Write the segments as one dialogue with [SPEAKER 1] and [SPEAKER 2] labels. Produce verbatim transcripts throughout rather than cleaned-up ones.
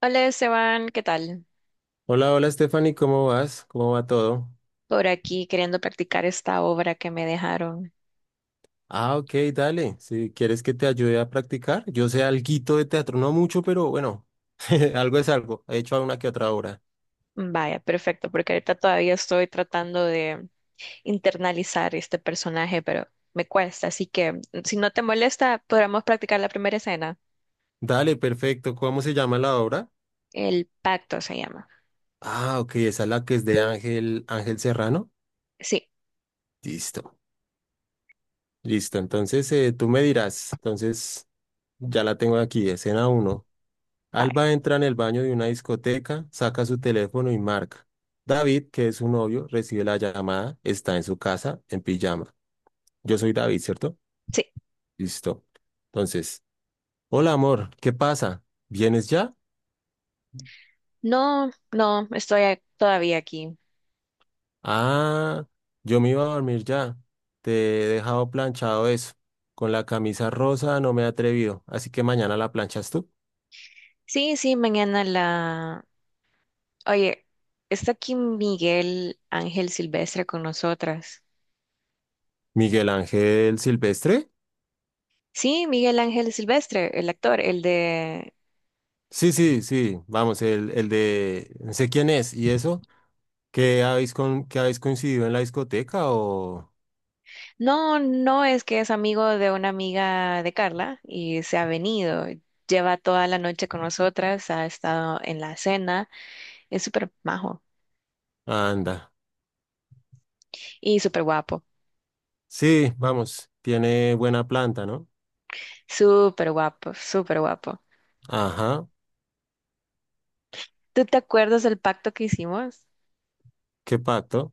[SPEAKER 1] Hola Esteban, ¿qué tal?
[SPEAKER 2] Hola, hola Stephanie, ¿cómo vas? ¿Cómo va todo?
[SPEAKER 1] Por aquí queriendo practicar esta obra que me dejaron.
[SPEAKER 2] Ah, ok, dale. Si quieres que te ayude a practicar, yo sé alguito de teatro, no mucho, pero bueno, algo es algo. He hecho una que otra obra.
[SPEAKER 1] Vaya, perfecto, porque ahorita todavía estoy tratando de internalizar este personaje, pero me cuesta, así que si no te molesta, podríamos practicar la primera escena.
[SPEAKER 2] Dale, perfecto. ¿Cómo se llama la obra?
[SPEAKER 1] El pacto se llama.
[SPEAKER 2] Ah, ok, esa es la que es de Ángel, Ángel Serrano.
[SPEAKER 1] Sí,
[SPEAKER 2] Listo, listo. Entonces eh, tú me dirás. Entonces ya la tengo aquí, escena uno.
[SPEAKER 1] vaya,
[SPEAKER 2] Alba entra en el baño de una discoteca, saca su teléfono y marca. David, que es su novio, recibe la llamada, está en su casa, en pijama. Yo soy David, ¿cierto?
[SPEAKER 1] sí.
[SPEAKER 2] Listo. Entonces, hola amor, ¿qué pasa? ¿Vienes ya?
[SPEAKER 1] No, no, estoy a- todavía aquí.
[SPEAKER 2] Ah, yo me iba a dormir ya. Te he dejado planchado eso. Con la camisa rosa no me he atrevido, así que mañana la planchas tú.
[SPEAKER 1] Sí, sí, mañana la... Oye, está aquí Miguel Ángel Silvestre con nosotras.
[SPEAKER 2] Miguel Ángel Silvestre.
[SPEAKER 1] Sí, Miguel Ángel Silvestre, el actor, el de...
[SPEAKER 2] Sí, sí, sí, vamos, el, el de... No sé quién es, ¿y eso? ¿Qué habéis, con, qué habéis coincidido en la discoteca o...?
[SPEAKER 1] No, no es que es amigo de una amiga de Carla y se ha venido. Lleva toda la noche con nosotras, ha estado en la cena. Es súper majo
[SPEAKER 2] Anda.
[SPEAKER 1] y súper guapo,
[SPEAKER 2] Sí, vamos, tiene buena planta, ¿no?
[SPEAKER 1] súper guapo, súper guapo.
[SPEAKER 2] Ajá,
[SPEAKER 1] ¿Tú te acuerdas del pacto que hicimos?
[SPEAKER 2] ¿qué pacto?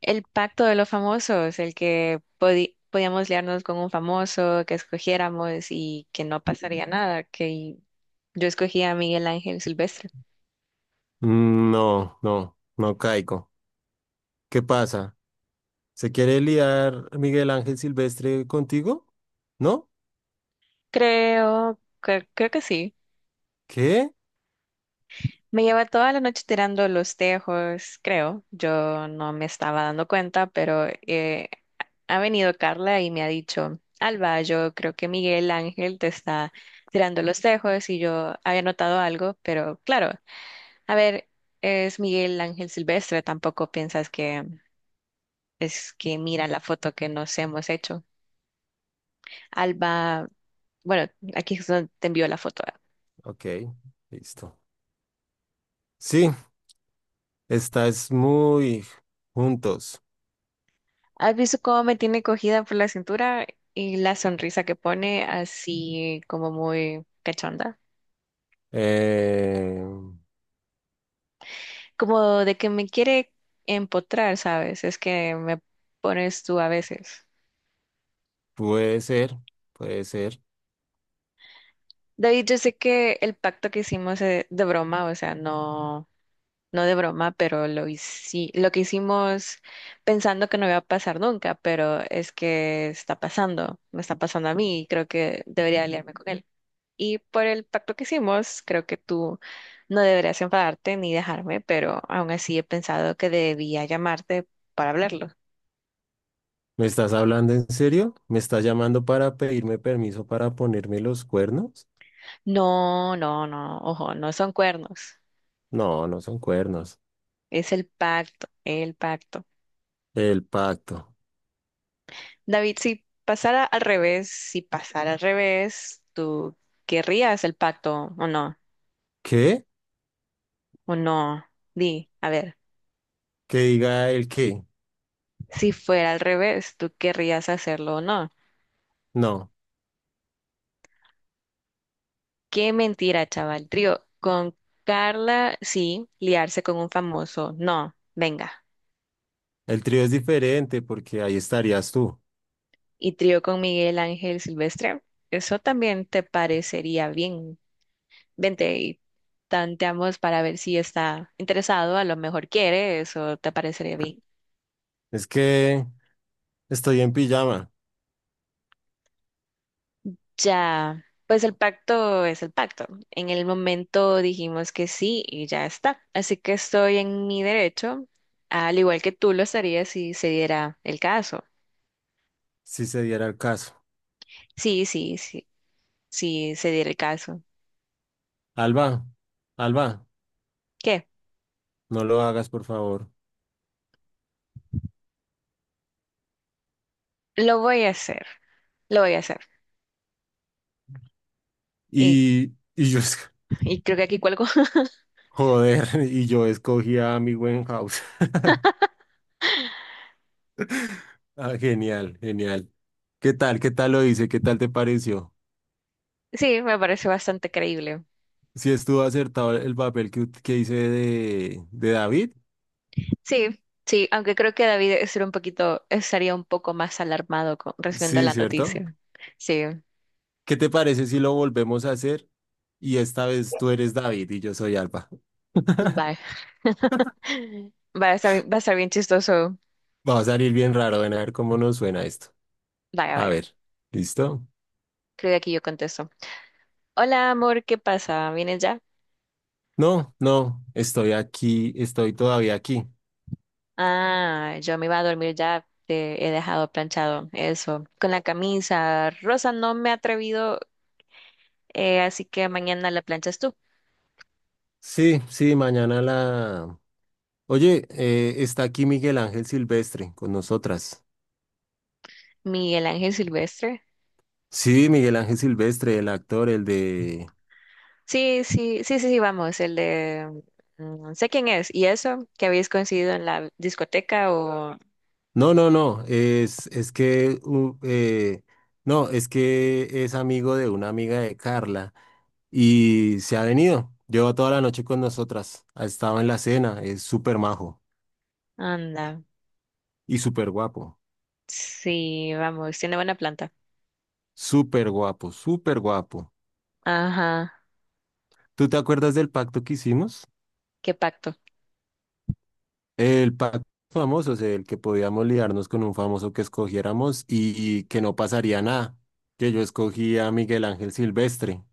[SPEAKER 1] El pacto de los famosos, el que podi- podíamos liarnos con un famoso, que escogiéramos y que no pasaría nada, que yo escogía a Miguel Ángel Silvestre.
[SPEAKER 2] Mm, no, no, no caigo. ¿Qué pasa? ¿Se quiere liar Miguel Ángel Silvestre contigo? ¿No?
[SPEAKER 1] Creo que creo que sí.
[SPEAKER 2] ¿Qué?
[SPEAKER 1] Me lleva toda la noche tirando los tejos, creo. Yo no me estaba dando cuenta, pero eh, ha venido Carla y me ha dicho, Alba, yo creo que Miguel Ángel te está tirando los tejos y yo había notado algo, pero claro, a ver, es Miguel Ángel Silvestre, tampoco piensas que es que mira la foto que nos hemos hecho. Alba, bueno, aquí es donde te envió la foto.
[SPEAKER 2] Ok, listo. Sí, estás muy juntos.
[SPEAKER 1] ¿Has visto cómo me tiene cogida por la cintura y la sonrisa que pone así como muy cachonda?
[SPEAKER 2] Eh,
[SPEAKER 1] Como de que me quiere empotrar, ¿sabes? Es que me pones tú a veces.
[SPEAKER 2] puede ser, puede ser.
[SPEAKER 1] David, yo sé que el pacto que hicimos eh, de broma, o sea, no, no de broma, pero lo hici- lo que hicimos pensando que no iba a pasar nunca, pero es que está pasando, me está pasando a mí y creo que debería aliarme con él. Y por el pacto que hicimos, creo que tú no deberías enfadarte ni dejarme, pero aún así he pensado que debía llamarte para hablarlo.
[SPEAKER 2] ¿Me estás hablando en serio? ¿Me estás llamando para pedirme permiso para ponerme los cuernos?
[SPEAKER 1] No, no, no, ojo, no son cuernos,
[SPEAKER 2] No, no son cuernos.
[SPEAKER 1] es el pacto, el pacto.
[SPEAKER 2] El pacto.
[SPEAKER 1] David, si pasara al revés, si pasara al revés, ¿tú querrías el pacto o no?
[SPEAKER 2] ¿Qué?
[SPEAKER 1] ¿O no? Di, a ver,
[SPEAKER 2] Que diga el qué.
[SPEAKER 1] si fuera al revés, ¿tú querrías hacerlo o no?
[SPEAKER 2] No,
[SPEAKER 1] Qué mentira, chaval. Trío, con Carla, sí, liarse con un famoso, no, venga.
[SPEAKER 2] el trío es diferente porque ahí estarías tú.
[SPEAKER 1] Y trío con Miguel Ángel Silvestre, eso también te parecería bien. Vente y tanteamos para ver si está interesado, a lo mejor quiere, eso te parecería bien.
[SPEAKER 2] Es que estoy en pijama,
[SPEAKER 1] Ya, pues el pacto es el pacto. En el momento dijimos que sí y ya está. Así que estoy en mi derecho, al igual que tú lo estarías si se diera el caso.
[SPEAKER 2] si se diera el caso.
[SPEAKER 1] Sí, sí, sí, si se diera el caso.
[SPEAKER 2] Alba, Alba,
[SPEAKER 1] ¿Qué?
[SPEAKER 2] no lo hagas, por favor.
[SPEAKER 1] Lo voy a hacer, lo voy a hacer. Y,
[SPEAKER 2] Y, y yo, es-
[SPEAKER 1] y creo que aquí cuelgo.
[SPEAKER 2] joder, y yo escogí a mi buen house. Ah, genial, genial. ¿Qué tal? ¿Qué tal lo hice? ¿Qué tal te pareció?
[SPEAKER 1] Sí, me parece bastante creíble.
[SPEAKER 2] Si estuvo acertado el papel que, ut- que hice de, de David,
[SPEAKER 1] Sí, sí, aunque creo que David estaría un poquito, estaría un poco más alarmado con, recibiendo
[SPEAKER 2] sí,
[SPEAKER 1] la
[SPEAKER 2] ¿cierto?
[SPEAKER 1] noticia. Sí,
[SPEAKER 2] ¿Qué te parece si lo volvemos a hacer y esta vez tú eres David y yo soy Alba?
[SPEAKER 1] vaya. Va a estar, va a estar bien chistoso.
[SPEAKER 2] Va a salir bien raro, ven a ver cómo nos suena esto.
[SPEAKER 1] Vaya,
[SPEAKER 2] A
[SPEAKER 1] vaya.
[SPEAKER 2] ver, ¿listo?
[SPEAKER 1] Creo que aquí yo contesto. Hola, amor, ¿qué pasa? ¿Vienes ya?
[SPEAKER 2] No, no, estoy aquí, estoy todavía aquí.
[SPEAKER 1] Ah, yo me iba a dormir ya. Te he dejado planchado eso. Con la camisa rosa no me he atrevido. Eh, así que mañana la planchas tú.
[SPEAKER 2] Sí, sí, mañana la... Oye, eh, está aquí Miguel Ángel Silvestre con nosotras.
[SPEAKER 1] Miguel Ángel Silvestre.
[SPEAKER 2] Sí, Miguel Ángel Silvestre, el actor, el de...
[SPEAKER 1] Sí, sí, sí, sí, sí, vamos, el de... mm, sé quién es. ¿Y eso? ¿Que habéis coincidido en la discoteca o...?
[SPEAKER 2] No, no, no, es, es que, u- eh, no, es que es amigo de una amiga de Carla y se ha venido. Lleva toda la noche con nosotras, ha estado en la cena, es súper majo
[SPEAKER 1] Anda.
[SPEAKER 2] y súper guapo,
[SPEAKER 1] Sí, vamos, tiene buena planta.
[SPEAKER 2] súper guapo, súper guapo.
[SPEAKER 1] Ajá,
[SPEAKER 2] ¿Tú te acuerdas del pacto que hicimos?
[SPEAKER 1] qué pacto.
[SPEAKER 2] El pacto famoso, o sea, el que podíamos liarnos con un famoso que escogiéramos y, y que no pasaría nada, que yo escogí a Miguel Ángel Silvestre.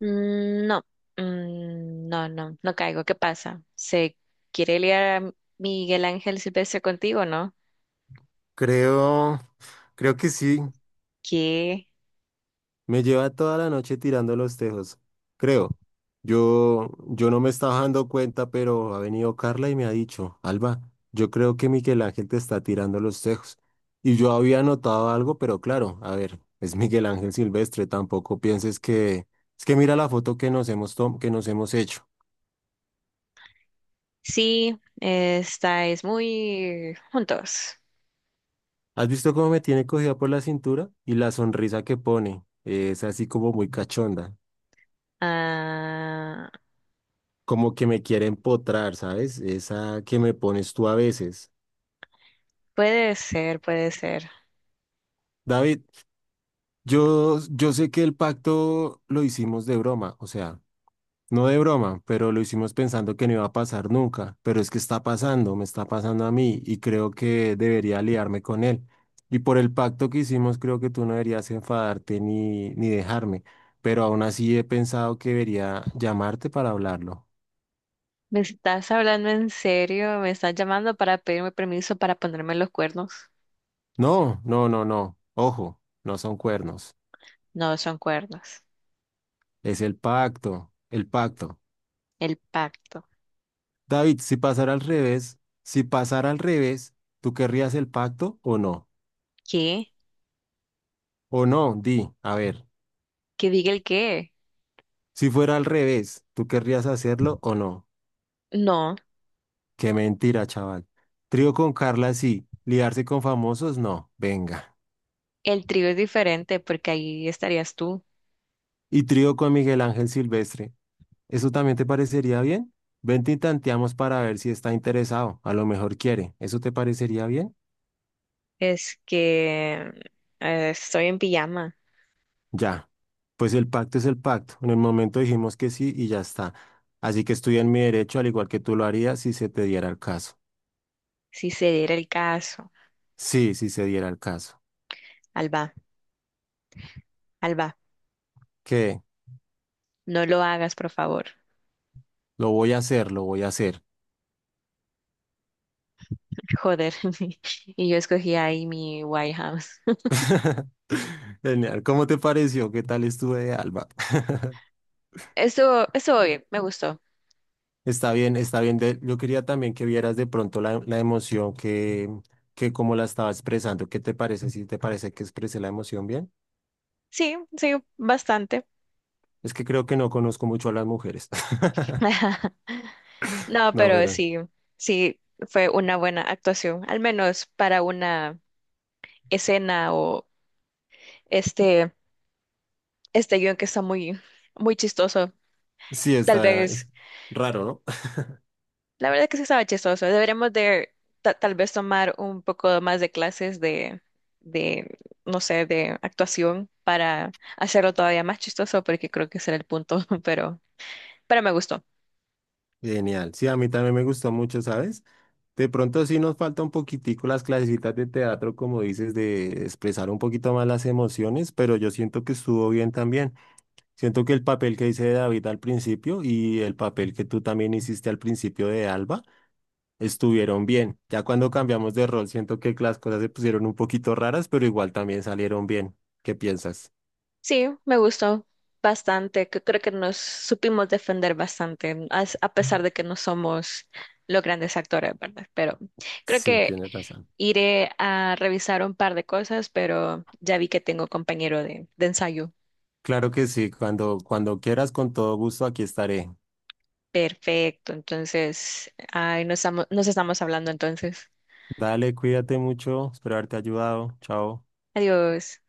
[SPEAKER 1] Mm, no, mm, no, no, no caigo. ¿Qué pasa? ¿Se quiere liar a Miguel Ángel Silvestre contigo, no?
[SPEAKER 2] Creo, creo que sí.
[SPEAKER 1] Que
[SPEAKER 2] Me lleva toda la noche tirando los tejos, creo. Yo, yo no me estaba dando cuenta, pero ha venido Carla y me ha dicho, Alba, yo creo que Miguel Ángel te está tirando los tejos. Y yo había notado algo, pero claro, a ver, es Miguel Ángel Silvestre, tampoco pienses que... Es que mira la foto que nos hemos tom- que nos hemos hecho.
[SPEAKER 1] sí, estáis muy juntos.
[SPEAKER 2] ¿Has visto cómo me tiene cogida por la cintura? Y la sonrisa que pone, eh, es así como muy cachonda,
[SPEAKER 1] Ah,
[SPEAKER 2] como que me quiere empotrar, ¿sabes? Esa que me pones tú a veces.
[SPEAKER 1] puede ser, puede ser.
[SPEAKER 2] David, Yo, yo sé que el pacto lo hicimos de broma, o sea, no de broma, pero lo hicimos pensando que no iba a pasar nunca, pero es que está pasando, me está pasando a mí y creo que debería aliarme con él. Y por el pacto que hicimos, creo que tú no deberías enfadarte ni, ni dejarme, pero aún así he pensado que debería llamarte para hablarlo.
[SPEAKER 1] ¿Me estás hablando en serio? ¿Me estás llamando para pedirme permiso para ponerme los cuernos?
[SPEAKER 2] No, no, no, no, ojo, no son cuernos,
[SPEAKER 1] No son cuernos.
[SPEAKER 2] es el pacto, el pacto.
[SPEAKER 1] El pacto.
[SPEAKER 2] David, si pasara al revés, si pasara al revés, ¿tú querrías el pacto o no?
[SPEAKER 1] ¿Qué?
[SPEAKER 2] O no, di, a ver,
[SPEAKER 1] ¿Que diga el qué?
[SPEAKER 2] si fuera al revés, ¿tú querrías hacerlo o no?
[SPEAKER 1] No,
[SPEAKER 2] Qué mentira, chaval. Trío con Carla, sí. Liarse con famosos, no. Venga.
[SPEAKER 1] el trío es diferente porque ahí estarías tú.
[SPEAKER 2] Y trío con Miguel Ángel Silvestre. ¿Eso también te parecería bien? Vente y tanteamos para ver si está interesado. A lo mejor quiere. ¿Eso te parecería bien?
[SPEAKER 1] Es que eh, estoy en pijama.
[SPEAKER 2] Ya, pues el pacto es el pacto. En el momento dijimos que sí y ya está. Así que estoy en mi derecho, al igual que tú lo harías si se te diera el caso.
[SPEAKER 1] Si se diera el caso.
[SPEAKER 2] Sí, si se diera el caso.
[SPEAKER 1] Alba, Alba,
[SPEAKER 2] ¿Qué?
[SPEAKER 1] no lo hagas, por favor.
[SPEAKER 2] Lo voy a hacer, lo voy a hacer.
[SPEAKER 1] Joder. Y yo escogí ahí mi White House.
[SPEAKER 2] Genial. ¿Cómo te pareció? ¿Qué tal estuve de Alba?
[SPEAKER 1] Estuvo, estuvo bien, me gustó.
[SPEAKER 2] Está bien, está bien. De- Yo quería también que vieras de pronto la, la emoción que, que como la estaba expresando. ¿Qué te parece? ¿Si te parece que expresé la emoción bien?
[SPEAKER 1] Sí, sí, bastante.
[SPEAKER 2] Es que creo que no conozco mucho a las mujeres.
[SPEAKER 1] No,
[SPEAKER 2] No,
[SPEAKER 1] pero
[SPEAKER 2] pero
[SPEAKER 1] sí, sí fue una buena actuación, al menos para una escena o este, este guión que está muy, muy chistoso.
[SPEAKER 2] sí,
[SPEAKER 1] Tal
[SPEAKER 2] está es
[SPEAKER 1] vez,
[SPEAKER 2] raro, ¿no?
[SPEAKER 1] la verdad que sí estaba chistoso. Deberíamos de ta- tal vez tomar un poco más de clases de, de, no sé, de actuación para hacerlo todavía más chistoso, porque creo que ese era el punto, pero, pero me gustó.
[SPEAKER 2] Genial. Sí, a mí también me gustó mucho, ¿sabes? De pronto sí nos falta un poquitico las clasecitas de teatro, como dices, de expresar un poquito más las emociones, pero yo siento que estuvo bien también. Siento que el papel que hice de David al principio y el papel que tú también hiciste al principio de Alba estuvieron bien. Ya cuando cambiamos de rol, siento que las cosas se pusieron un poquito raras, pero igual también salieron bien. ¿Qué piensas?
[SPEAKER 1] Sí, me gustó bastante. Que Creo que nos supimos defender bastante, as- a pesar de que no somos los grandes actores, ¿verdad? Pero creo
[SPEAKER 2] Sí,
[SPEAKER 1] que
[SPEAKER 2] tienes razón.
[SPEAKER 1] iré a revisar un par de cosas, pero ya vi que tengo compañero de, de ensayo.
[SPEAKER 2] Claro que sí, cuando, cuando quieras, con todo gusto, aquí estaré.
[SPEAKER 1] Perfecto, entonces, ay, nos estamos, nos estamos hablando entonces.
[SPEAKER 2] Dale, cuídate mucho, espero haberte ayudado. Chao.
[SPEAKER 1] Adiós.